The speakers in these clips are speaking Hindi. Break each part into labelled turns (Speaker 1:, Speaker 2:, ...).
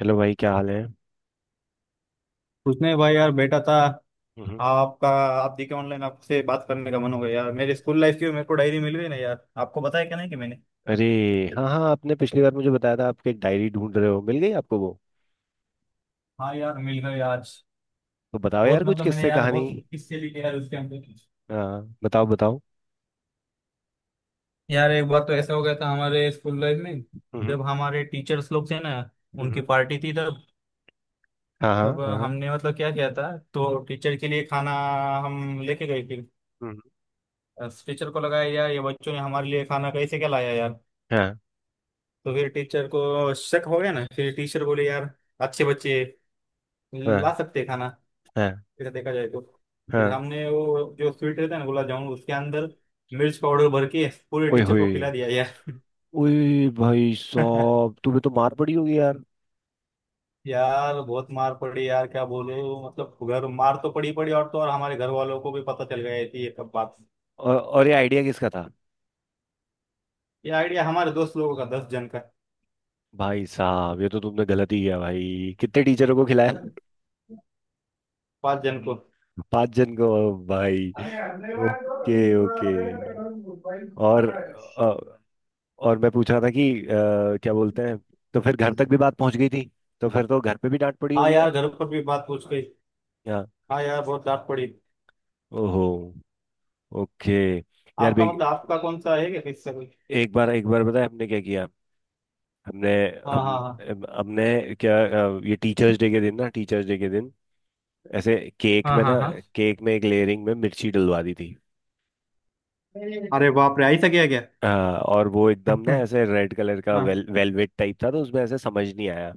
Speaker 1: हेलो भाई, क्या हाल है?
Speaker 2: कुछ नहीं भाई, यार बैठा था
Speaker 1: हम्म।
Speaker 2: आपका। आप देखे ऑनलाइन आपसे बात करने का मन हो गया। यार मेरे स्कूल लाइफ की मेरे को डायरी मिल गई ना, यार आपको बताया क्या नहीं कि मैंने।
Speaker 1: अरे, हाँ हाँ, आपने पिछली बार मुझे बताया था आपकी एक डायरी ढूंढ रहे हो, मिल गई आपको वो?
Speaker 2: हाँ यार, मिल गए आज।
Speaker 1: तो बताओ
Speaker 2: बहुत,
Speaker 1: यार, कुछ
Speaker 2: मतलब मैंने
Speaker 1: किस्से
Speaker 2: यार
Speaker 1: कहानी।
Speaker 2: बहुत किस्से लिखे यार उसके अंदर।
Speaker 1: हाँ बताओ बताओ।
Speaker 2: यार एक बार तो ऐसा हो गया था हमारे स्कूल लाइफ में।
Speaker 1: हम्म।
Speaker 2: जब हमारे टीचर्स लोग थे ना, उनकी
Speaker 1: हम्म।
Speaker 2: पार्टी थी तब।
Speaker 1: हाँ हाँ
Speaker 2: तब
Speaker 1: हाँ हाँ।
Speaker 2: हमने, मतलब क्या किया था तो टीचर के लिए खाना हम लेके गए। फिर
Speaker 1: हम्म।
Speaker 2: टीचर को लगाया यार ये बच्चों ने हमारे लिए खाना कैसे क्या लाया यार।
Speaker 1: हाँ
Speaker 2: तो फिर टीचर को शक हो गया ना, फिर टीचर बोले यार अच्छे बच्चे ला
Speaker 1: हाँ
Speaker 2: सकते हैं खाना।
Speaker 1: हाँ
Speaker 2: फिर देखा जाए तो, फिर
Speaker 1: हाँ।
Speaker 2: हमने वो जो स्वीट रहता है ना, गुलाब जामुन, उसके अंदर मिर्च पाउडर भर के पूरे
Speaker 1: ओए
Speaker 2: टीचर को
Speaker 1: होए,
Speaker 2: खिला दिया यार।
Speaker 1: ओए भाई साहब तुम्हें तो मार पड़ी होगी यार।
Speaker 2: यार बहुत मार पड़ी यार, क्या बोलूं। मतलब घर मार तो पड़ी पड़ी, और तो और हमारे घर वालों को भी पता चल गया थी ये कब बात।
Speaker 1: और ये आइडिया किसका था?
Speaker 2: ये आइडिया हमारे दोस्त लोगों का, दस जन का।
Speaker 1: भाई साहब, ये तो तुमने गलत ही किया भाई। कितने टीचरों को खिलाया?
Speaker 2: पांच जन
Speaker 1: पांच जन को? भाई, ओके ओके। और
Speaker 2: को।
Speaker 1: और मैं पूछ रहा था कि क्या बोलते हैं, तो फिर घर तक भी बात पहुंच गई थी? तो फिर तो घर पे भी डांट पड़ी
Speaker 2: हाँ
Speaker 1: होगी
Speaker 2: यार
Speaker 1: यार।
Speaker 2: घर पर भी बात पूछ गई।
Speaker 1: यार।
Speaker 2: हाँ यार बहुत डांट पड़ी।
Speaker 1: ओहो, ओके। यार
Speaker 2: आपका
Speaker 1: भी,
Speaker 2: मतलब आपका कौन सा है, क्या किससे कोई?
Speaker 1: एक बार बताए हमने क्या किया। हमने,
Speaker 2: हाँ
Speaker 1: हम
Speaker 2: हाँ हाँ
Speaker 1: हमने क्या? ये टीचर्स डे के दिन ना, टीचर्स डे के दिन, ऐसे केक
Speaker 2: हाँ।
Speaker 1: में
Speaker 2: हाँ
Speaker 1: ना,
Speaker 2: हाँ।
Speaker 1: केक में एक लेयरिंग में मिर्ची डलवा दी थी।
Speaker 2: अरे बाप रे, ऐसा किया क्या?
Speaker 1: हाँ, और वो एकदम ना
Speaker 2: हाँ
Speaker 1: ऐसे रेड कलर का
Speaker 2: हाँ।
Speaker 1: वेलवेट टाइप था, तो उसमें ऐसे समझ नहीं आया।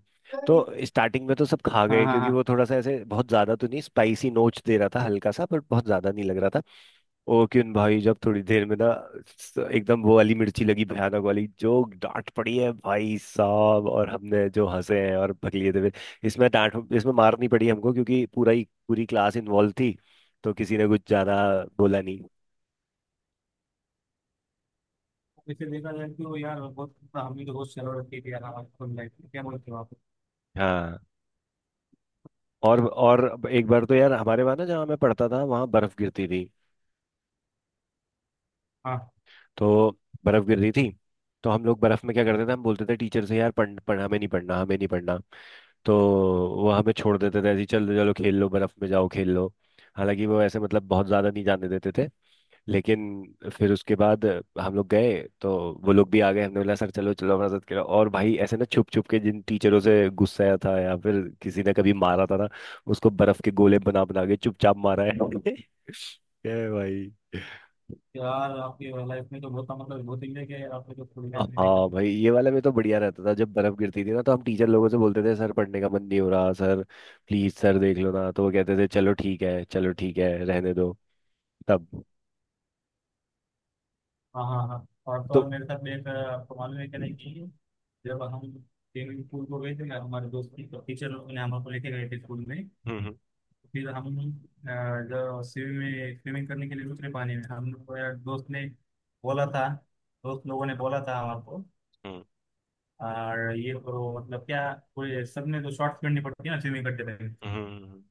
Speaker 1: तो स्टार्टिंग में तो सब खा
Speaker 2: हाँ
Speaker 1: गए,
Speaker 2: हाँ
Speaker 1: क्योंकि वो
Speaker 2: हाँ।
Speaker 1: थोड़ा सा ऐसे बहुत ज्यादा तो नहीं स्पाइसी नोच दे रहा था, हल्का सा, बट बहुत ज्यादा नहीं लग रहा था। ओ क्यों भाई, जब थोड़ी देर में ना, एकदम वो वाली मिर्ची लगी, भयानक वाली। जो डांट पड़ी है भाई साहब, और हमने जो हंसे हैं और बकलिए थे। इसमें मार नहीं पड़ी हमको, क्योंकि पूरा ही पूरी क्लास इन्वॉल्व थी, तो किसी ने कुछ ज्यादा बोला नहीं।
Speaker 2: इसे देखा जाए तो यार बहुत, मतलब हमने तो बहुत शरारत की थी यार हमारी लाइफ में, क्या बोलते हो आप?
Speaker 1: हाँ। और एक बार तो यार हमारे वहाँ ना, जहाँ मैं पढ़ता था, वहाँ बर्फ गिरती थी।
Speaker 2: हाँ।
Speaker 1: तो बर्फ गिर रही थी, तो हम लोग बर्फ में क्या करते थे, हम बोलते थे टीचर से यार, पढ़ पढ़, हमें नहीं पढ़ना, हमें नहीं पढ़ना। तो वो हमें छोड़ देते थे ऐसे ही, चलो चलो खेल लो, बर्फ में जाओ खेल लो। हालांकि वो ऐसे मतलब बहुत ज्यादा नहीं जाने देते थे, लेकिन फिर उसके बाद हम लोग गए, तो वो लोग भी आ गए। हमने बोला सर चलो चलो हमारे साथ खेलो, और भाई ऐसे ना छुप छुप के जिन टीचरों से गुस्साया था या फिर किसी ने कभी मारा था ना, उसको बर्फ के गोले बना बना के चुपचाप मारा है। ए भाई,
Speaker 2: यार आपकी लाइफ में तो बहुत, मतलब बहुत इंजॉय किया यार आपने तो पूरी लाइफ में, देखा
Speaker 1: हाँ
Speaker 2: तो।
Speaker 1: भाई, ये वाला में तो बढ़िया रहता था, जब बर्फ गिरती थी ना, तो हम टीचर लोगों से बोलते थे सर पढ़ने का मन नहीं हो रहा सर, प्लीज सर देख लो ना, तो वो कहते थे चलो ठीक है, चलो ठीक है रहने दो। तब।
Speaker 2: हाँ हाँ हाँ। और तो और
Speaker 1: तो।
Speaker 2: मेरे साथ एक आपको मालूम है क्या नहीं कि जब हम स्विमिंग पूल को गए थे ना, हमारे दोस्त की तो टीचर ने हमको लेके गए थे स्कूल में।
Speaker 1: हम्म।
Speaker 2: तो फिर हम, अ, जो स्विमिंग में स्विमिंग करने के लिए उतरे पानी में, हम लोग, दोस्त ने बोला था, दोस्त लोगों ने बोला था हमारे को।
Speaker 1: हम्म।
Speaker 2: और ये करो, मतलब क्या कोई सबने तो शॉर्ट्स पहननी पड़ती है ना स्विमिंग करते टाइम।
Speaker 1: हम्म। हम्म।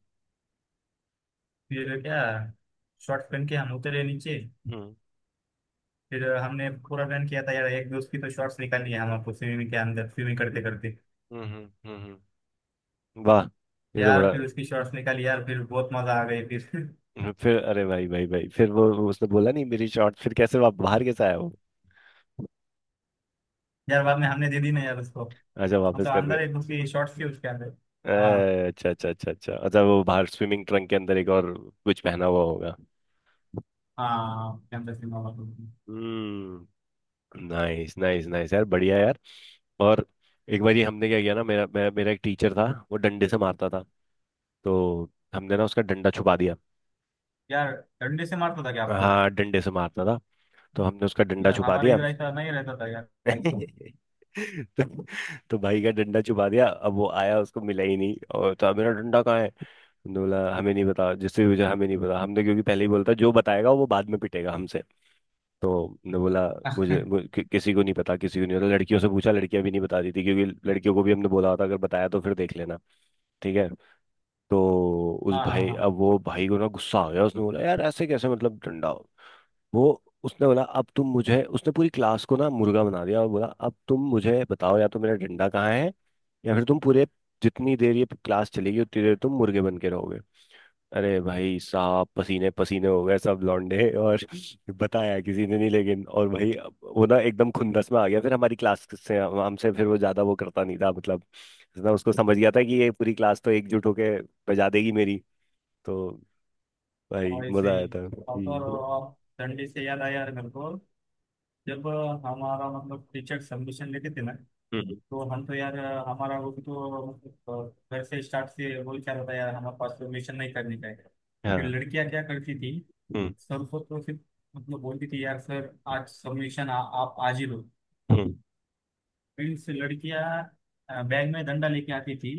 Speaker 2: फिर क्या, शॉर्ट्स पहन के हम उतरे नीचे।
Speaker 1: हम्म।
Speaker 2: फिर हमने पूरा प्लान किया था यार, एक दोस्त की तो शॉर्ट्स निकालनी है हमारे को स्विमिंग के अंदर, स्विमिंग करते करते।
Speaker 1: हम्म। हम्म। वाह, ये तो
Speaker 2: यार
Speaker 1: बड़ा।
Speaker 2: फिर उसकी शॉर्ट्स निकाली यार, फिर बहुत मजा आ गई फिर।
Speaker 1: फिर अरे भाई भाई भाई, फिर वो उसने बोला नहीं मेरी शॉर्ट, फिर कैसे बाहर कैसे आया वो?
Speaker 2: यार बाद में हमने दे दी ना यार उसको।
Speaker 1: अच्छा, वापस
Speaker 2: मतलब
Speaker 1: कर
Speaker 2: अंदर एक
Speaker 1: दिया।
Speaker 2: उसकी शॉर्ट्स थी उसके अंदर। हाँ।
Speaker 1: अच्छा अच्छा अच्छा अच्छा अच्छा, वो बाहर स्विमिंग ट्रंक के अंदर एक और कुछ पहना हुआ होगा।
Speaker 2: हाँ कैंपस में हुआ तो।
Speaker 1: हम्म। नाइस नाइस नाइस, यार बढ़िया यार। और एक बार ये हमने क्या किया ना, मेरा मेरा मेरा एक टीचर था। वो डंडे से मारता था, तो हमने ना उसका डंडा छुपा दिया।
Speaker 2: यार डंडे से मारता था क्या आपको?
Speaker 1: हाँ डंडे से मारता था, तो हमने उसका डंडा
Speaker 2: यार
Speaker 1: छुपा
Speaker 2: हमारे
Speaker 1: दिया।
Speaker 2: इधर ऐसा नहीं रहता था यार।
Speaker 1: तो, तो भाई का डंडा छुपा दिया। अब वो आया, उसको मिला ही नहीं। और, तो मेरा डंडा कहाँ है? हमने बोला हमें नहीं पता, जिससे वजह हमें नहीं पता हमने, क्योंकि पहले ही बोलता जो बताएगा वो बाद में पिटेगा हमसे। तो हमने बोला किसी को नहीं पता, किसी को नहीं पता। लड़कियों से पूछा, लड़कियां भी नहीं बताती थी, क्योंकि लड़कियों को भी हमने बोला था अगर बताया तो फिर देख लेना। ठीक है। तो उस
Speaker 2: हाँ हाँ
Speaker 1: भाई अब
Speaker 2: हाँ।
Speaker 1: वो भाई को ना गुस्सा आ गया, उसने बोला यार ऐसे कैसे मतलब डंडा? वो उसने बोला अब तुम मुझे, उसने पूरी क्लास को ना मुर्गा बना दिया, और बोला अब तुम मुझे बताओ या तो मेरा डंडा कहाँ है, या फिर तुम पूरे जितनी देर ये क्लास चलेगी उतनी देर तुम मुर्गे बन के रहोगे। अरे भाई साहब, पसीने पसीने हो गए सब लौंडे। और बताया किसी ने नहीं। लेकिन और भाई, अब वो ना एकदम खुंदस में आ गया, फिर हमारी क्लास से, हमसे फिर वो ज्यादा वो करता नहीं था मतलब, ना उसको समझ गया था कि ये पूरी क्लास तो एकजुट होके बजा देगी मेरी। तो भाई
Speaker 2: और ऐसे
Speaker 1: मजा आया
Speaker 2: ही,
Speaker 1: था।
Speaker 2: और तो
Speaker 1: हम्म।
Speaker 2: और डंडे से याद आया यार मेरे को। जब हमारा, मतलब टीचर सबमिशन लेते थे ना,
Speaker 1: हम्म,
Speaker 2: तो हम तो यार, हमारा वो तो मतलब घर से स्टार्ट से बोल, क्या रहता है यार हमारे पास परमिशन नहीं करने का है। फिर
Speaker 1: हाँ।
Speaker 2: लड़कियां क्या करती थी,
Speaker 1: हम्म।
Speaker 2: सर को तो फिर, मतलब बोलती थी यार, सर आज सबमिशन आप आज ही लो।
Speaker 1: हम्म।
Speaker 2: फील्ड से लड़कियां बैग में डंडा लेके आती थी।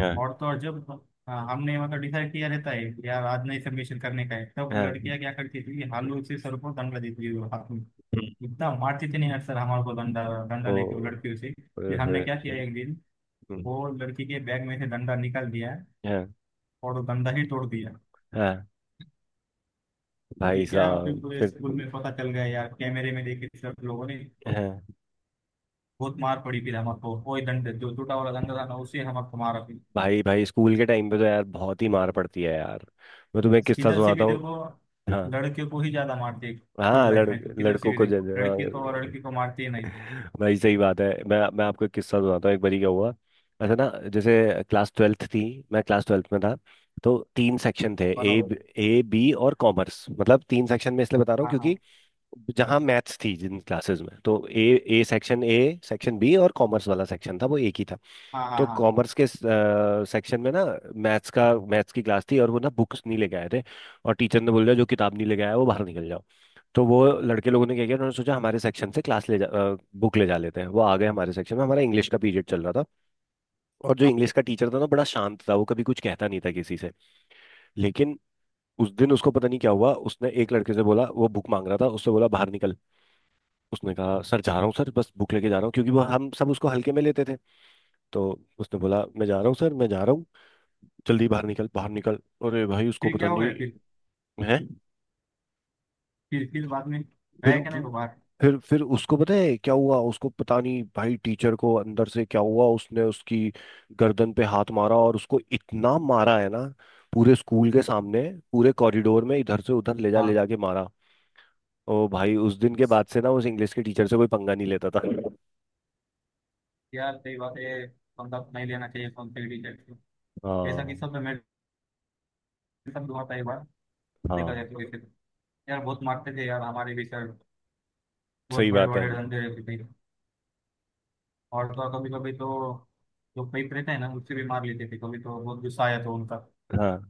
Speaker 1: हाँ
Speaker 2: और तो और जब, हमने मतलब डिसाइड किया रहता है कि यार आज नहीं सबमिशन करने का है, तब
Speaker 1: हाँ।
Speaker 2: लड़कियां क्या करती थी, हालू से सर को डंडा देती थी हाथ में। इतना मारते थे नहीं हर सर हमारे को डंडा,
Speaker 1: ओ,
Speaker 2: लेके वो लड़कियों से।
Speaker 1: ओए,
Speaker 2: फिर हमने
Speaker 1: होए,
Speaker 2: क्या किया एक दिन,
Speaker 1: हम्म,
Speaker 2: वो लड़की के बैग में से डंडा निकाल दिया
Speaker 1: हाँ।
Speaker 2: और वो डंडा ही तोड़ दिया।
Speaker 1: हाँ भाई
Speaker 2: फिर क्या, फिर
Speaker 1: साहब,
Speaker 2: पूरे
Speaker 1: फिर।
Speaker 2: स्कूल में पता चल गया यार, कैमरे में देखे सब लोगों ने।
Speaker 1: हाँ।
Speaker 2: बहुत मार पड़ी फिर हमको, वही डंडे, जो टूटा वाला डंडा था ना, उसे हमको मारा फिर।
Speaker 1: भाई भाई, स्कूल के टाइम पे तो यार बहुत ही मार पड़ती है यार। मैं तुम्हें किस्सा
Speaker 2: किधर से भी
Speaker 1: सुनाता हूँ।
Speaker 2: देखो
Speaker 1: हाँ
Speaker 2: लड़के को ही ज्यादा मारती है स्कूल
Speaker 1: हाँ।
Speaker 2: लाइफ में, तो किधर से
Speaker 1: लड़कों
Speaker 2: भी
Speaker 1: को
Speaker 2: देखो,
Speaker 1: जज,
Speaker 2: लड़की तो, और
Speaker 1: हाँ।
Speaker 2: लड़की को मारती ही नहीं।
Speaker 1: भाई सही बात है, मैं आपको एक किस्सा सुनाता हूँ एक बारी क्या हुआ। ऐसा ना, जैसे क्लास 12th थी, मैं क्लास 12th में था। तो तीन सेक्शन थे, ए,
Speaker 2: बराबर।
Speaker 1: ए बी और कॉमर्स। मतलब तीन सेक्शन में इसलिए बता रहा हूँ,
Speaker 2: हाँ
Speaker 1: क्योंकि
Speaker 2: हाँ
Speaker 1: जहाँ मैथ्स थी जिन क्लासेस में, तो A, A section, A section B और कॉमर्स वाला सेक्शन था वो एक ही था।
Speaker 2: हाँ। हाँ
Speaker 1: तो
Speaker 2: हाँ
Speaker 1: कॉमर्स के सेक्शन में ना, मैथ्स का मैथ्स की क्लास थी, और वो ना बुक्स नहीं लेके आए थे। और टीचर ने बोल दिया जो किताब नहीं लेके आया वो बाहर निकल जाओ। तो वो लड़के लोगों ने क्या किया, उन्होंने सोचा हमारे सेक्शन से क्लास ले जा बुक ले जा लेते हैं। वो आ गए हमारे सेक्शन में, हमारा इंग्लिश का पीरियड चल रहा था। और जो
Speaker 2: हाँ।
Speaker 1: इंग्लिश का टीचर था ना, बड़ा शांत था, वो कभी कुछ कहता नहीं था किसी से। लेकिन उस दिन उसको पता नहीं क्या हुआ, उसने एक लड़के से बोला, वो बुक मांग रहा था उससे, बोला बाहर निकल। उसने कहा सर जा रहा हूँ सर, बस बुक लेके जा रहा हूँ, क्योंकि वो हम सब उसको हल्के में लेते थे। तो उसने बोला मैं जा रहा हूँ सर, मैं जा रहा हूँ। जल्दी बाहर निकल बाहर निकल। अरे भाई, उसको
Speaker 2: फिर
Speaker 1: पता
Speaker 2: क्या हो
Speaker 1: नहीं
Speaker 2: गया फिर?
Speaker 1: है।
Speaker 2: फिर बाद में
Speaker 1: फिर
Speaker 2: रह के नहीं को बाहर।
Speaker 1: फिर उसको पता है क्या हुआ? उसको पता नहीं भाई टीचर को अंदर से क्या हुआ, उसने उसकी गर्दन पे हाथ मारा, और उसको इतना मारा है ना, पूरे स्कूल के सामने, पूरे कॉरिडोर में इधर से उधर ले
Speaker 2: हाँ
Speaker 1: जा के मारा। ओ भाई, उस दिन के बाद से ना, उस इंग्लिश के टीचर से कोई पंगा नहीं लेता था।
Speaker 2: यार सही बात है, पंगा नहीं लेना चाहिए कौन से टीचर को। वैसा
Speaker 1: हाँ।
Speaker 2: किस्सा तो मेरे साथ भी हुआ था एक बार। देखा जाए
Speaker 1: हाँ,
Speaker 2: तो वैसे तो। यार बहुत मारते थे यार हमारे भी सर, बहुत
Speaker 1: सही
Speaker 2: बड़े
Speaker 1: बात है।
Speaker 2: बड़े डंडे रहते थे। और तो कभी कभी तो जो पेट रहता है ना उससे भी मार लेते थे, कभी तो बहुत गुस्सा आया था उनका।
Speaker 1: हाँ,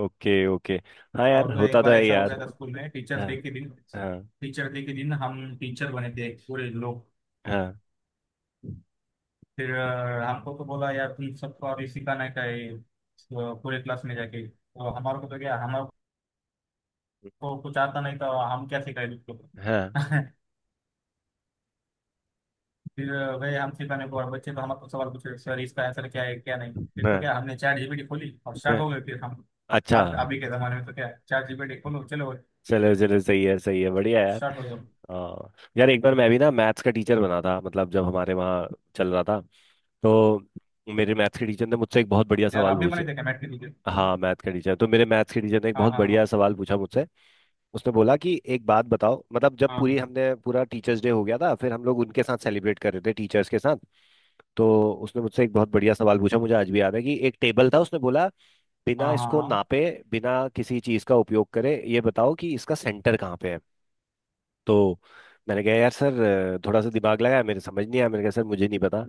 Speaker 1: ओके ओके। हाँ
Speaker 2: और
Speaker 1: यार,
Speaker 2: तो एक
Speaker 1: होता तो
Speaker 2: बार
Speaker 1: है
Speaker 2: ऐसा हो
Speaker 1: यार।
Speaker 2: गया था स्कूल में टीचर्स
Speaker 1: हाँ
Speaker 2: डे के दिन।
Speaker 1: हाँ।
Speaker 2: टीचर डे के दिन हम टीचर बने थे पूरे लोग।
Speaker 1: हाँ
Speaker 2: फिर हमको तो बोला यार तुम सबको अभी सिखाना क्या है तो पूरे क्लास में जाके, तो हमारे को तो क्या, हमारे को कुछ आता नहीं था। हम क्या सिखाए उसको?
Speaker 1: हाँ।
Speaker 2: फिर गए हम सिखाने को, और बच्चे तो हमारे को सवाल पूछे सर इसका आंसर क्या है क्या नहीं, फिर तो
Speaker 1: हाँ।
Speaker 2: क्या हमने चैट जीपीटी खोली और
Speaker 1: हाँ।
Speaker 2: स्टार्ट हो गए फिर हम।
Speaker 1: अच्छा।
Speaker 2: आज अभी के जमाने में तो क्या, चैट जीपीटी खोलो, चलो
Speaker 1: चलो चलो, सही है सही है, बढ़िया यार।
Speaker 2: स्टार्ट हो जाओ।
Speaker 1: आ, यार एक बार मैं भी ना मैथ्स का टीचर बना था, मतलब जब हमारे वहाँ चल रहा था, तो मेरे मैथ्स के टीचर ने मुझसे एक बहुत बढ़िया
Speaker 2: यार
Speaker 1: सवाल
Speaker 2: आप भी बने
Speaker 1: पूछे।
Speaker 2: थे क्या मैट के टीचर?
Speaker 1: हाँ मैथ्स का टीचर। तो मेरे मैथ्स के टीचर ने एक
Speaker 2: हाँ
Speaker 1: बहुत
Speaker 2: हाँ
Speaker 1: बढ़िया
Speaker 2: हाँ।
Speaker 1: सवाल पूछा मुझसे। उसने बोला कि एक बात बताओ, मतलब जब पूरी
Speaker 2: हाँ
Speaker 1: हमने पूरा टीचर्स डे हो गया था, फिर हम लोग उनके साथ सेलिब्रेट कर रहे थे टीचर्स के साथ, तो उसने मुझसे एक बहुत बढ़िया सवाल पूछा, मुझे आज भी याद है। कि एक टेबल था, उसने बोला बिना
Speaker 2: हाँ हाँ
Speaker 1: इसको
Speaker 2: हाँ।
Speaker 1: नापे, बिना किसी चीज का उपयोग करे, ये बताओ कि इसका सेंटर कहाँ पे है? तो मैंने कहा यार सर, थोड़ा सा दिमाग लगाया, मेरे समझ नहीं आया, मैंने कहा सर मुझे नहीं पता।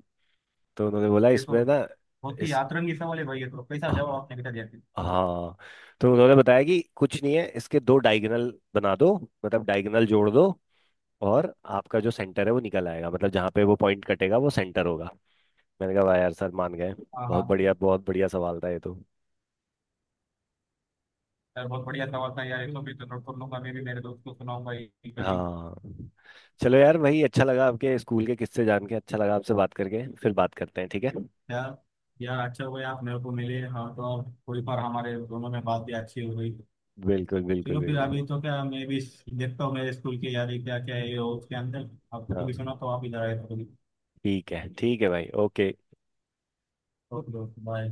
Speaker 1: तो उन्होंने बोला
Speaker 2: ये तो
Speaker 1: इसमें ना,
Speaker 2: बहुत ही
Speaker 1: इस,
Speaker 2: आतरंगी सवाल है भाई, ये तो कैसा जवाब आपने बेटा दिया।
Speaker 1: हाँ, तो उन्होंने बताया कि कुछ नहीं है, इसके दो डायगोनल बना दो, मतलब डायगोनल जोड़ दो, और आपका जो सेंटर है वो निकल आएगा, मतलब जहाँ पे वो पॉइंट कटेगा वो सेंटर होगा। मैंने कहा वाह यार सर, मान गए।
Speaker 2: हाँ
Speaker 1: बहुत
Speaker 2: हाँ हाँ।
Speaker 1: बढ़िया, बहुत बढ़िया सवाल था ये तो।
Speaker 2: यार बहुत बढ़िया सवाल था यार, इसको भी तो नोट कर लूंगा, मैं भी मेरे दोस्त को सुनाऊंगा ये कभी।
Speaker 1: हाँ। चलो यार भाई, अच्छा लगा आपके स्कूल के किस्से जान के, अच्छा लगा आपसे बात करके, फिर बात करते हैं ठीक है?
Speaker 2: यार, यार अच्छा हुआ आप मेरे को मिले, हाँ तो अब कोई बार हमारे दोनों में बात भी अच्छी हो गई।
Speaker 1: बिल्कुल बिल्कुल
Speaker 2: चलो फिर,
Speaker 1: बिल्कुल।
Speaker 2: अभी तो क्या मैं भी देखता हूँ मेरे स्कूल के यार ये क्या क्या है ये उसके अंदर, आपको कभी
Speaker 1: हाँ।
Speaker 2: सुना तो आप इधर आए तो कभी।
Speaker 1: ठीक है भाई, ओके।
Speaker 2: Okay okay bye.